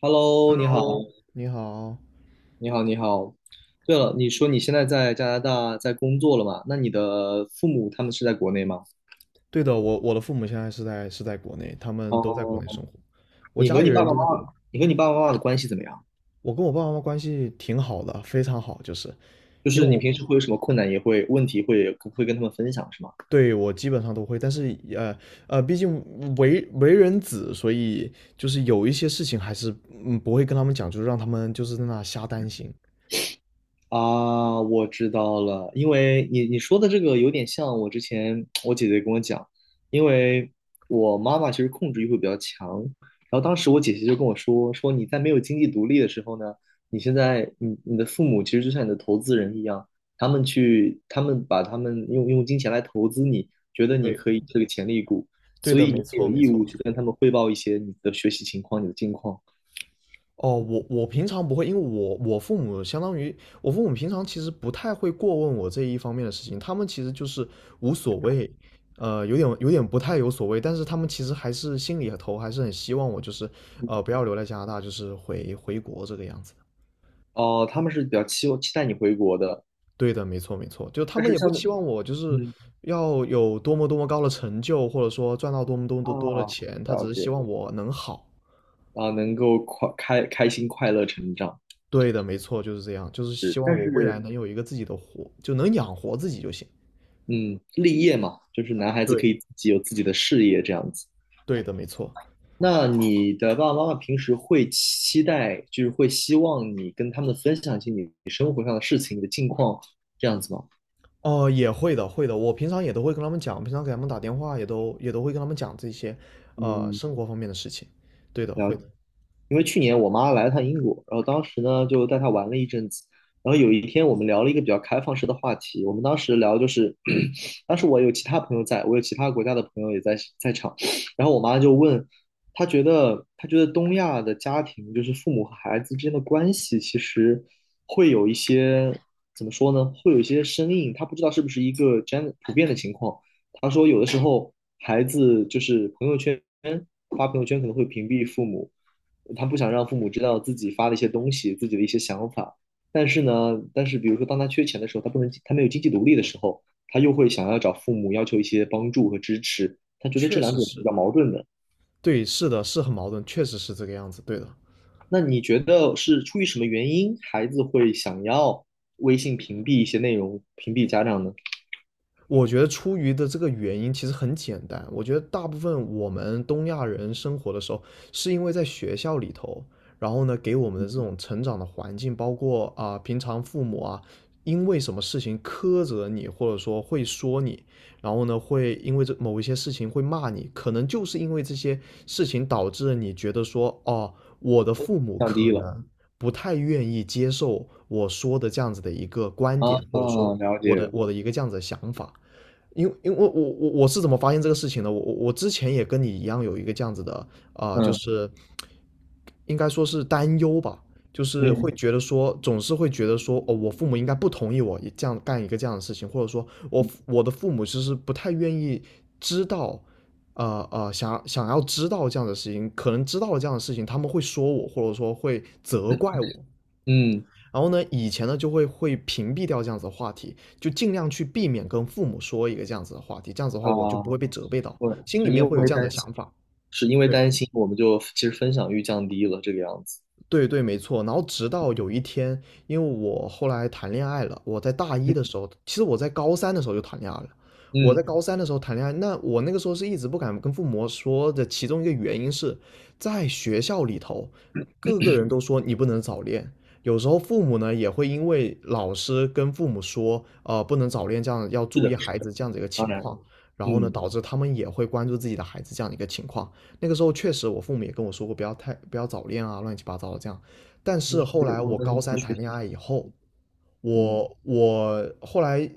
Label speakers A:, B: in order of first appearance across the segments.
A: Hello，你好，
B: Hello，你好。
A: 你好。对了，你说你现在在加拿大在工作了嘛？那你的父母他们是在国内吗？
B: 对的，我的父母现在是在国内，他们都在国
A: 哦，
B: 内生活。我
A: 你
B: 家
A: 和
B: 里
A: 你爸
B: 人
A: 爸
B: 都在
A: 妈
B: 国内。
A: 妈，你和你爸爸妈妈的关系怎么样？
B: 我跟我爸爸妈妈关系挺好的，非常好，就是
A: 就
B: 因为
A: 是你
B: 我
A: 平时会有什么困难，也会问题会跟他们分享，是吗？
B: 对我基本上都会，但是毕竟为人子，所以就是有一些事情还是不会跟他们讲，就是让他们就是在那瞎担心。
A: 啊，我知道了，因为你说的这个有点像我之前我姐姐跟我讲，因为我妈妈其实控制欲会比较强，然后当时我姐姐就跟我说，说你在没有经济独立的时候呢，你现在你的父母其实就像你的投资人一样，他们去他们把他们用用金钱来投资你，觉得你
B: 对，
A: 可以是个潜力股，
B: 对
A: 所
B: 的，
A: 以
B: 没
A: 你也有
B: 错没
A: 义务
B: 错。
A: 去跟他们汇报一些你的学习情况、你的近况。
B: 哦，我平常不会，因为我父母相当于我父母平常其实不太会过问我这一方面的事情，他们其实就是无所谓，有点不太有所谓，但是他们其实还是心里头还是很希望我就是不要留在加拿大，就是回国这个样子的。
A: 哦，他们是比较期待你回国的，
B: 对的，没错没错，就他
A: 但
B: 们
A: 是
B: 也不
A: 像
B: 期望我就是
A: 嗯。
B: 要有多么多么高的成就，或者说赚到多么多么
A: 啊，
B: 多多的钱，他
A: 了
B: 只是希
A: 解
B: 望我能好。
A: 啊，能够快开心快乐成长
B: 对的，没错，就是这样，就是
A: 是，
B: 希望
A: 但
B: 我未
A: 是
B: 来能有一个自己的活，就能养活自己就行。
A: 嗯，立业嘛，就是男孩子
B: 对，
A: 可以自己有自己的事业这样子。
B: 对的，没错。
A: 那你的爸爸妈妈平时会期待，就是会希望你跟他们分享一些你生活上的事情、你的近况这样子吗？
B: 哦、也会的，会的。我平常也都会跟他们讲，平常给他们打电话也都会跟他们讲这些，
A: 嗯，
B: 生活方面的事情。对的，会
A: 了。
B: 的，
A: 因为去年我妈来了趟英国，然后当时呢就带她玩了一阵子，然后有一天我们聊了一个比较开放式的话题，我们当时聊就是，当时我有其他朋友在，我有其他国家的朋友也在场，然后我妈就问，她觉得东亚的家庭就是父母和孩子之间的关系其实会有一些怎么说呢，会有一些生硬，她不知道是不是一个 g e 普遍的情况，她说有的时候孩子就是朋友圈发朋友圈可能会屏蔽父母。他不想让父母知道自己发的一些东西，自己的一些想法。但是呢，但是比如说，当他缺钱的时候，他不能，他没有经济独立的时候，他又会想要找父母要求一些帮助和支持。他觉得这
B: 确
A: 两
B: 实
A: 种比
B: 是，
A: 较矛盾的。
B: 对，是的，是很矛盾，确实是这个样子。对的，
A: 那你觉得是出于什么原因，孩子会想要微信屏蔽一些内容，屏蔽家长呢？
B: 我觉得出于的这个原因其实很简单，我觉得大部分我们东亚人生活的时候，是因为在学校里头，然后呢给我们的这种成长的环境，包括啊、平常父母啊，因为什么事情苛责你，或者说会说你，然后呢会因为这某一些事情会骂你，可能就是因为这些事情导致了你觉得说，哦，我的父母
A: 降低
B: 可
A: 了
B: 能不太愿意接受我说的这样子的一个观
A: 啊，
B: 点，或者说
A: 啊了
B: 我的
A: 解，
B: 我的一个这样子的想法。因为我是怎么发现这个事情的？我之前也跟你一样有一个这样子的就
A: 嗯
B: 是应该说是担忧吧，就是
A: 嗯
B: 会觉得说总是会觉得说哦，我父母应该不同意我也这样干一个这样的事情，或者说我的父母其实不太愿意知道，想要知道这样的事情，可能知道了这样的事情，他们会说我，或者说会责怪我。
A: 嗯
B: 然后呢，以前呢就会屏蔽掉这样子的话题，就尽量去避免跟父母说一个这样子的话题，这样子的话我就
A: 啊，
B: 不会被责备到，
A: 对，
B: 心里
A: 就因
B: 面会有
A: 为
B: 这样子的
A: 担心，
B: 想法。
A: 是因为
B: 对。
A: 担心，我们就其实分享欲降低了这个样子。
B: 对对，没错。然后直到有一天，因为我后来谈恋爱了，我在大一的时
A: 嗯
B: 候，其实我在高三的时候就谈恋爱了。我
A: 嗯
B: 在高三的时候谈恋爱，那我那个时候是一直不敢跟父母说的，其中一个原因是在学校里头，各个人都说你不能早恋。有时候父母呢也会因为老师跟父母说，不能早恋，这样要
A: 是
B: 注意
A: 的，是
B: 孩子这样的一个
A: 当
B: 情
A: 然，
B: 况，然后呢，
A: 嗯，
B: 导致他们也会关注自己的孩子这样的一个情况。那个时候确实我父母也跟我说过，不要太不要早恋啊，乱七八糟的这样。但是后
A: 就是
B: 来
A: 他们
B: 我高
A: 在
B: 三
A: 学
B: 谈
A: 习，
B: 恋爱以后，
A: 嗯
B: 我后来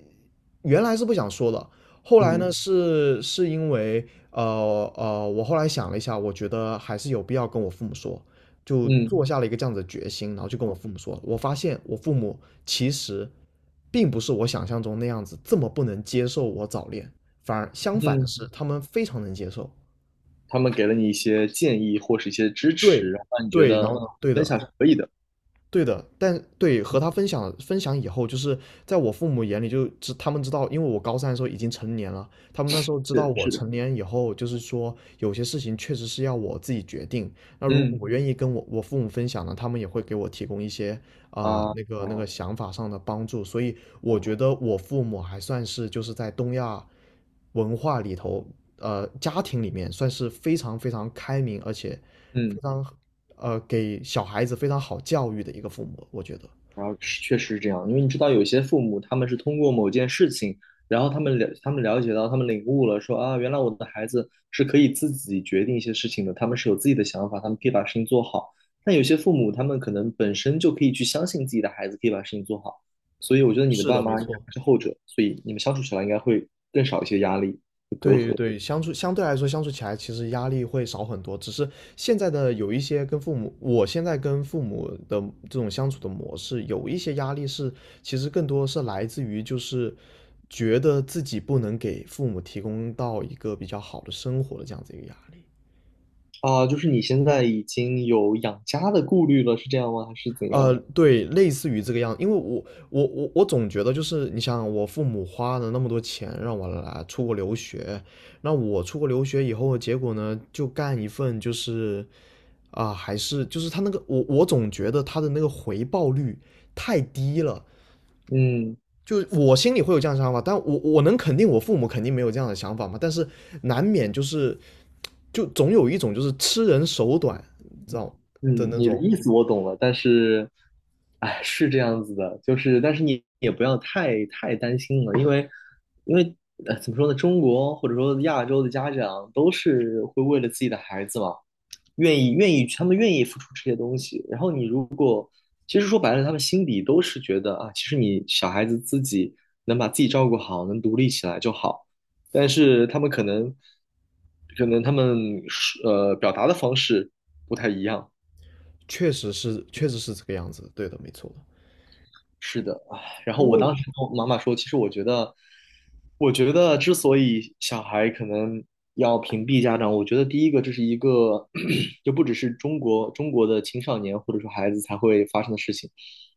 B: 原来是不想说的，后来
A: 嗯
B: 呢是因为我后来想了一下，我觉得还是有必要跟我父母说，就
A: 嗯
B: 做下了一个这样子的决心，然后就跟我父母说，我发现我父母其实并不是我想象中那样子这么不能接受我早恋，反而相反的
A: 嗯，
B: 是，他们非常能接受。
A: 他们给了你一些建议或是一些支
B: 对
A: 持，然后让你觉
B: 对，
A: 得
B: 然
A: 嗯，
B: 后对
A: 分
B: 的。
A: 享是可以的，
B: 对的，但对和他分享分享以后，就是在我父母眼里他们知道，因为我高三的时候已经成年了，他们那时候知道
A: 是
B: 我
A: 是的，
B: 成年以后，就是说有些事情确实是要我自己决定。那如果
A: 嗯
B: 我愿意跟我父母分享呢，他们也会给我提供一些
A: 啊啊
B: 那个想法上的帮助。所以
A: 哦，
B: 我觉得我父母还算是就是在东亚文化里头，家庭里面算是非常非常开明，而且
A: 嗯。
B: 非
A: 嗯
B: 常给小孩子非常好教育的一个父母，我觉得。
A: 然后是确实是这样，因为你知道有些父母他们是通过某件事情，然后他们了解到，他们领悟了说，啊，原来我的孩子是可以自己决定一些事情的，他们是有自己的想法，他们可以把事情做好。但有些父母他们可能本身就可以去相信自己的孩子可以把事情做好，所以我觉得你的
B: 是
A: 爸
B: 的，没
A: 妈应该
B: 错。
A: 是后者，所以你们相处起来应该会更少一些压力和隔
B: 对
A: 阂
B: 对，相对来说相处起来其实压力会少很多，只是现在的有一些跟父母，我现在跟父母的这种相处的模式，有一些压力是其实更多是来自于就是觉得自己不能给父母提供到一个比较好的生活的这样子一个压力。
A: 啊。就是你现在已经有养家的顾虑了，是这样吗？还是怎样？
B: 对，类似于这个样子，因为我总觉得就是你想，我父母花了那么多钱让我来出国留学，那我出国留学以后，结果呢就干一份就是啊、还是就是他那个我总觉得他的那个回报率太低了。
A: 嗯。
B: 就我心里会有这样的想法，但我能肯定我父母肯定没有这样的想法嘛，但是难免就是就总有一种就是吃人手短，知道的
A: 嗯，
B: 那
A: 你的
B: 种，
A: 意思我懂了，但是，哎，是这样子的，就是，但是你也不要太担心了，因为，因为，怎么说呢，中国或者说亚洲的家长都是会为了自己的孩子嘛，愿意，他们愿意付出这些东西。然后你如其实说白了，他们心底都是觉得啊，其实你小孩子自己能把自己照顾好，能独立起来就好。但是他们可能，可能他们表达的方式不太一样。
B: 确实是这个样子，对的，没错的
A: 是的，唉，然后
B: 因
A: 我当
B: 为
A: 时跟我妈妈说，其实我觉得，我觉得之所以小孩可能要屏蔽家长，我觉得第一个这是一个，就不只是中国的青少年或者说孩子才会发生的事情。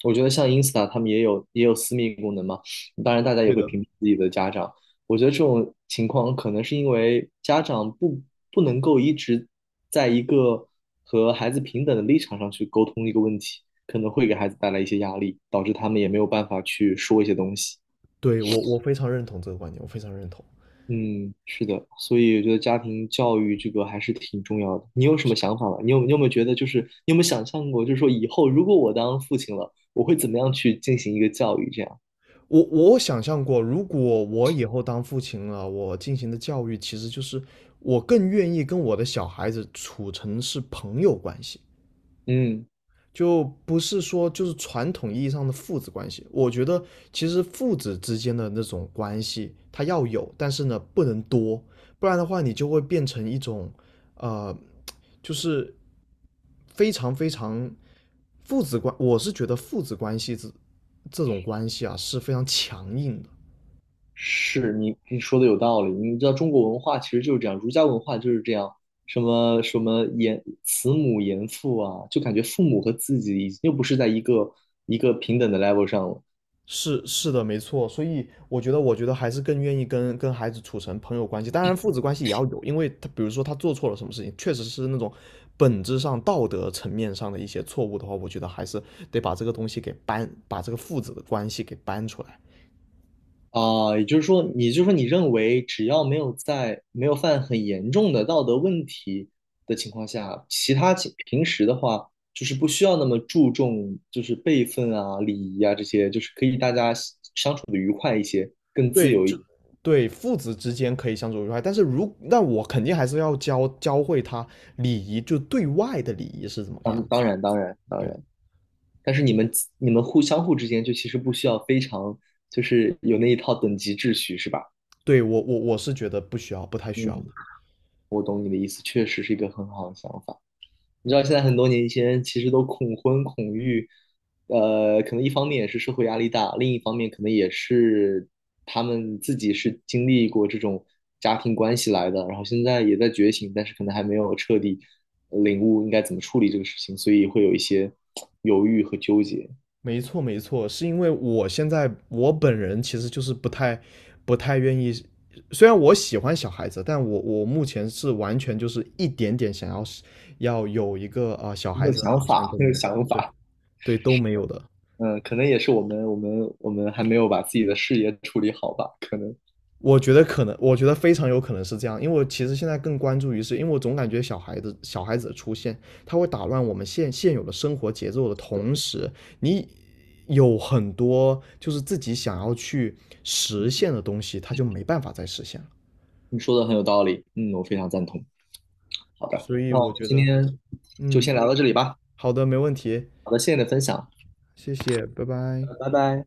A: 我觉得像 Insta 他们也有私密功能嘛，当然大家也
B: 对
A: 会
B: 的，
A: 屏蔽自己的家长，我觉得这种情况可能是因为家长不能够一直在一个和孩子平等的立场上去沟通一个问题，可能会给孩子带来一些压力，导致他们也没有办法去说一些东西。
B: 对我非常认同这个观点，我非常认同。
A: 嗯，是的，所以我觉得家庭教育这个还是挺重要的。你有什么想法吗？你有没有觉得，就是你有没有想象过，就是说以后如果我当父亲了，我会怎么样去进行一个教育？这样，
B: 我想象过，如果我以后当父亲了，我进行的教育其实就是我更愿意跟我的小孩子处成是朋友关系。
A: 嗯
B: 就不是说就是传统意义上的父子关系。我觉得其实父子之间的那种关系，它要有，但是呢不能多，不然的话你就会变成一种，呃，就是非常非常父子关，我是觉得父子关系这种关系啊是非常强硬的。
A: 是你说的有道理，你知道中国文化其实就是这样，儒家文化就是这样，什么什么严慈母严父啊，就感觉父母和自己已经又不是在一个平等的 level 上了
B: 是的，没错，所以我觉得，还是更愿意跟孩子处成朋友关系。当然，父子关系也要有，因为他比如说他做错了什么事情，确实是那种本质上道德层面上的一些错误的话，我觉得还是得把这个东西给搬，把这个父子的关系给搬出来。
A: 啊、也就是说，也就是说，你认为只要没有在没有犯很严重的道德问题的情况下，其他情平时的话就是不需要那么注重就是辈分啊、礼仪啊这些，就是可以大家相处的愉快一些。
B: 对，就对父子之间可以相处愉快，但是那我肯定还是要教会他礼仪，就对外的礼仪是怎么个
A: 嗯，
B: 样子。
A: 当然，当然，当
B: 对的，
A: 然。但是你们互相互之间就其实不需要非常就是有那一套等级秩序是吧？
B: 对我是觉得不需要，不太需
A: 嗯，
B: 要的。
A: 我懂你的意思，确实是一个很好的想法。你知道现在很多年轻人其实都恐婚恐育，可能一方面也是社会压力大，另一方面可能也是他们自己是经历过这种家庭关系来的，然后现在也在觉醒，但是可能还没有彻底领悟应该怎么处理这个事情，所以会有一些 犹豫和纠结。
B: 没错，没错，是因为我现在我本人其实就是不太愿意，虽然我喜欢小孩子，但我目前是完全就是一点点想要有一个小
A: 没
B: 孩
A: 有
B: 子的打
A: 想
B: 算
A: 法，
B: 都
A: 没有
B: 没有，
A: 想
B: 对
A: 法。
B: 对都没有的。
A: 嗯，可能也是我们还没有把自己的事业处理好吧？可能
B: 我觉得可能，我觉得非常有可能是这样，因为我其实现在更关注于是，因为我总感觉小孩子的出现，他会打乱我们现有的生活节奏的同时，你有很多就是自己想要去实现的东西，他就没办法再实现了。
A: 你说的很有道理，嗯，我非常赞同。好的，
B: 所以
A: 那我
B: 我
A: 们
B: 觉
A: 今
B: 得还是，
A: 天就
B: 嗯，
A: 先聊到这里吧。
B: 好的，没问题，
A: 好的，谢谢你的分享，
B: 谢谢，拜拜。
A: 拜拜。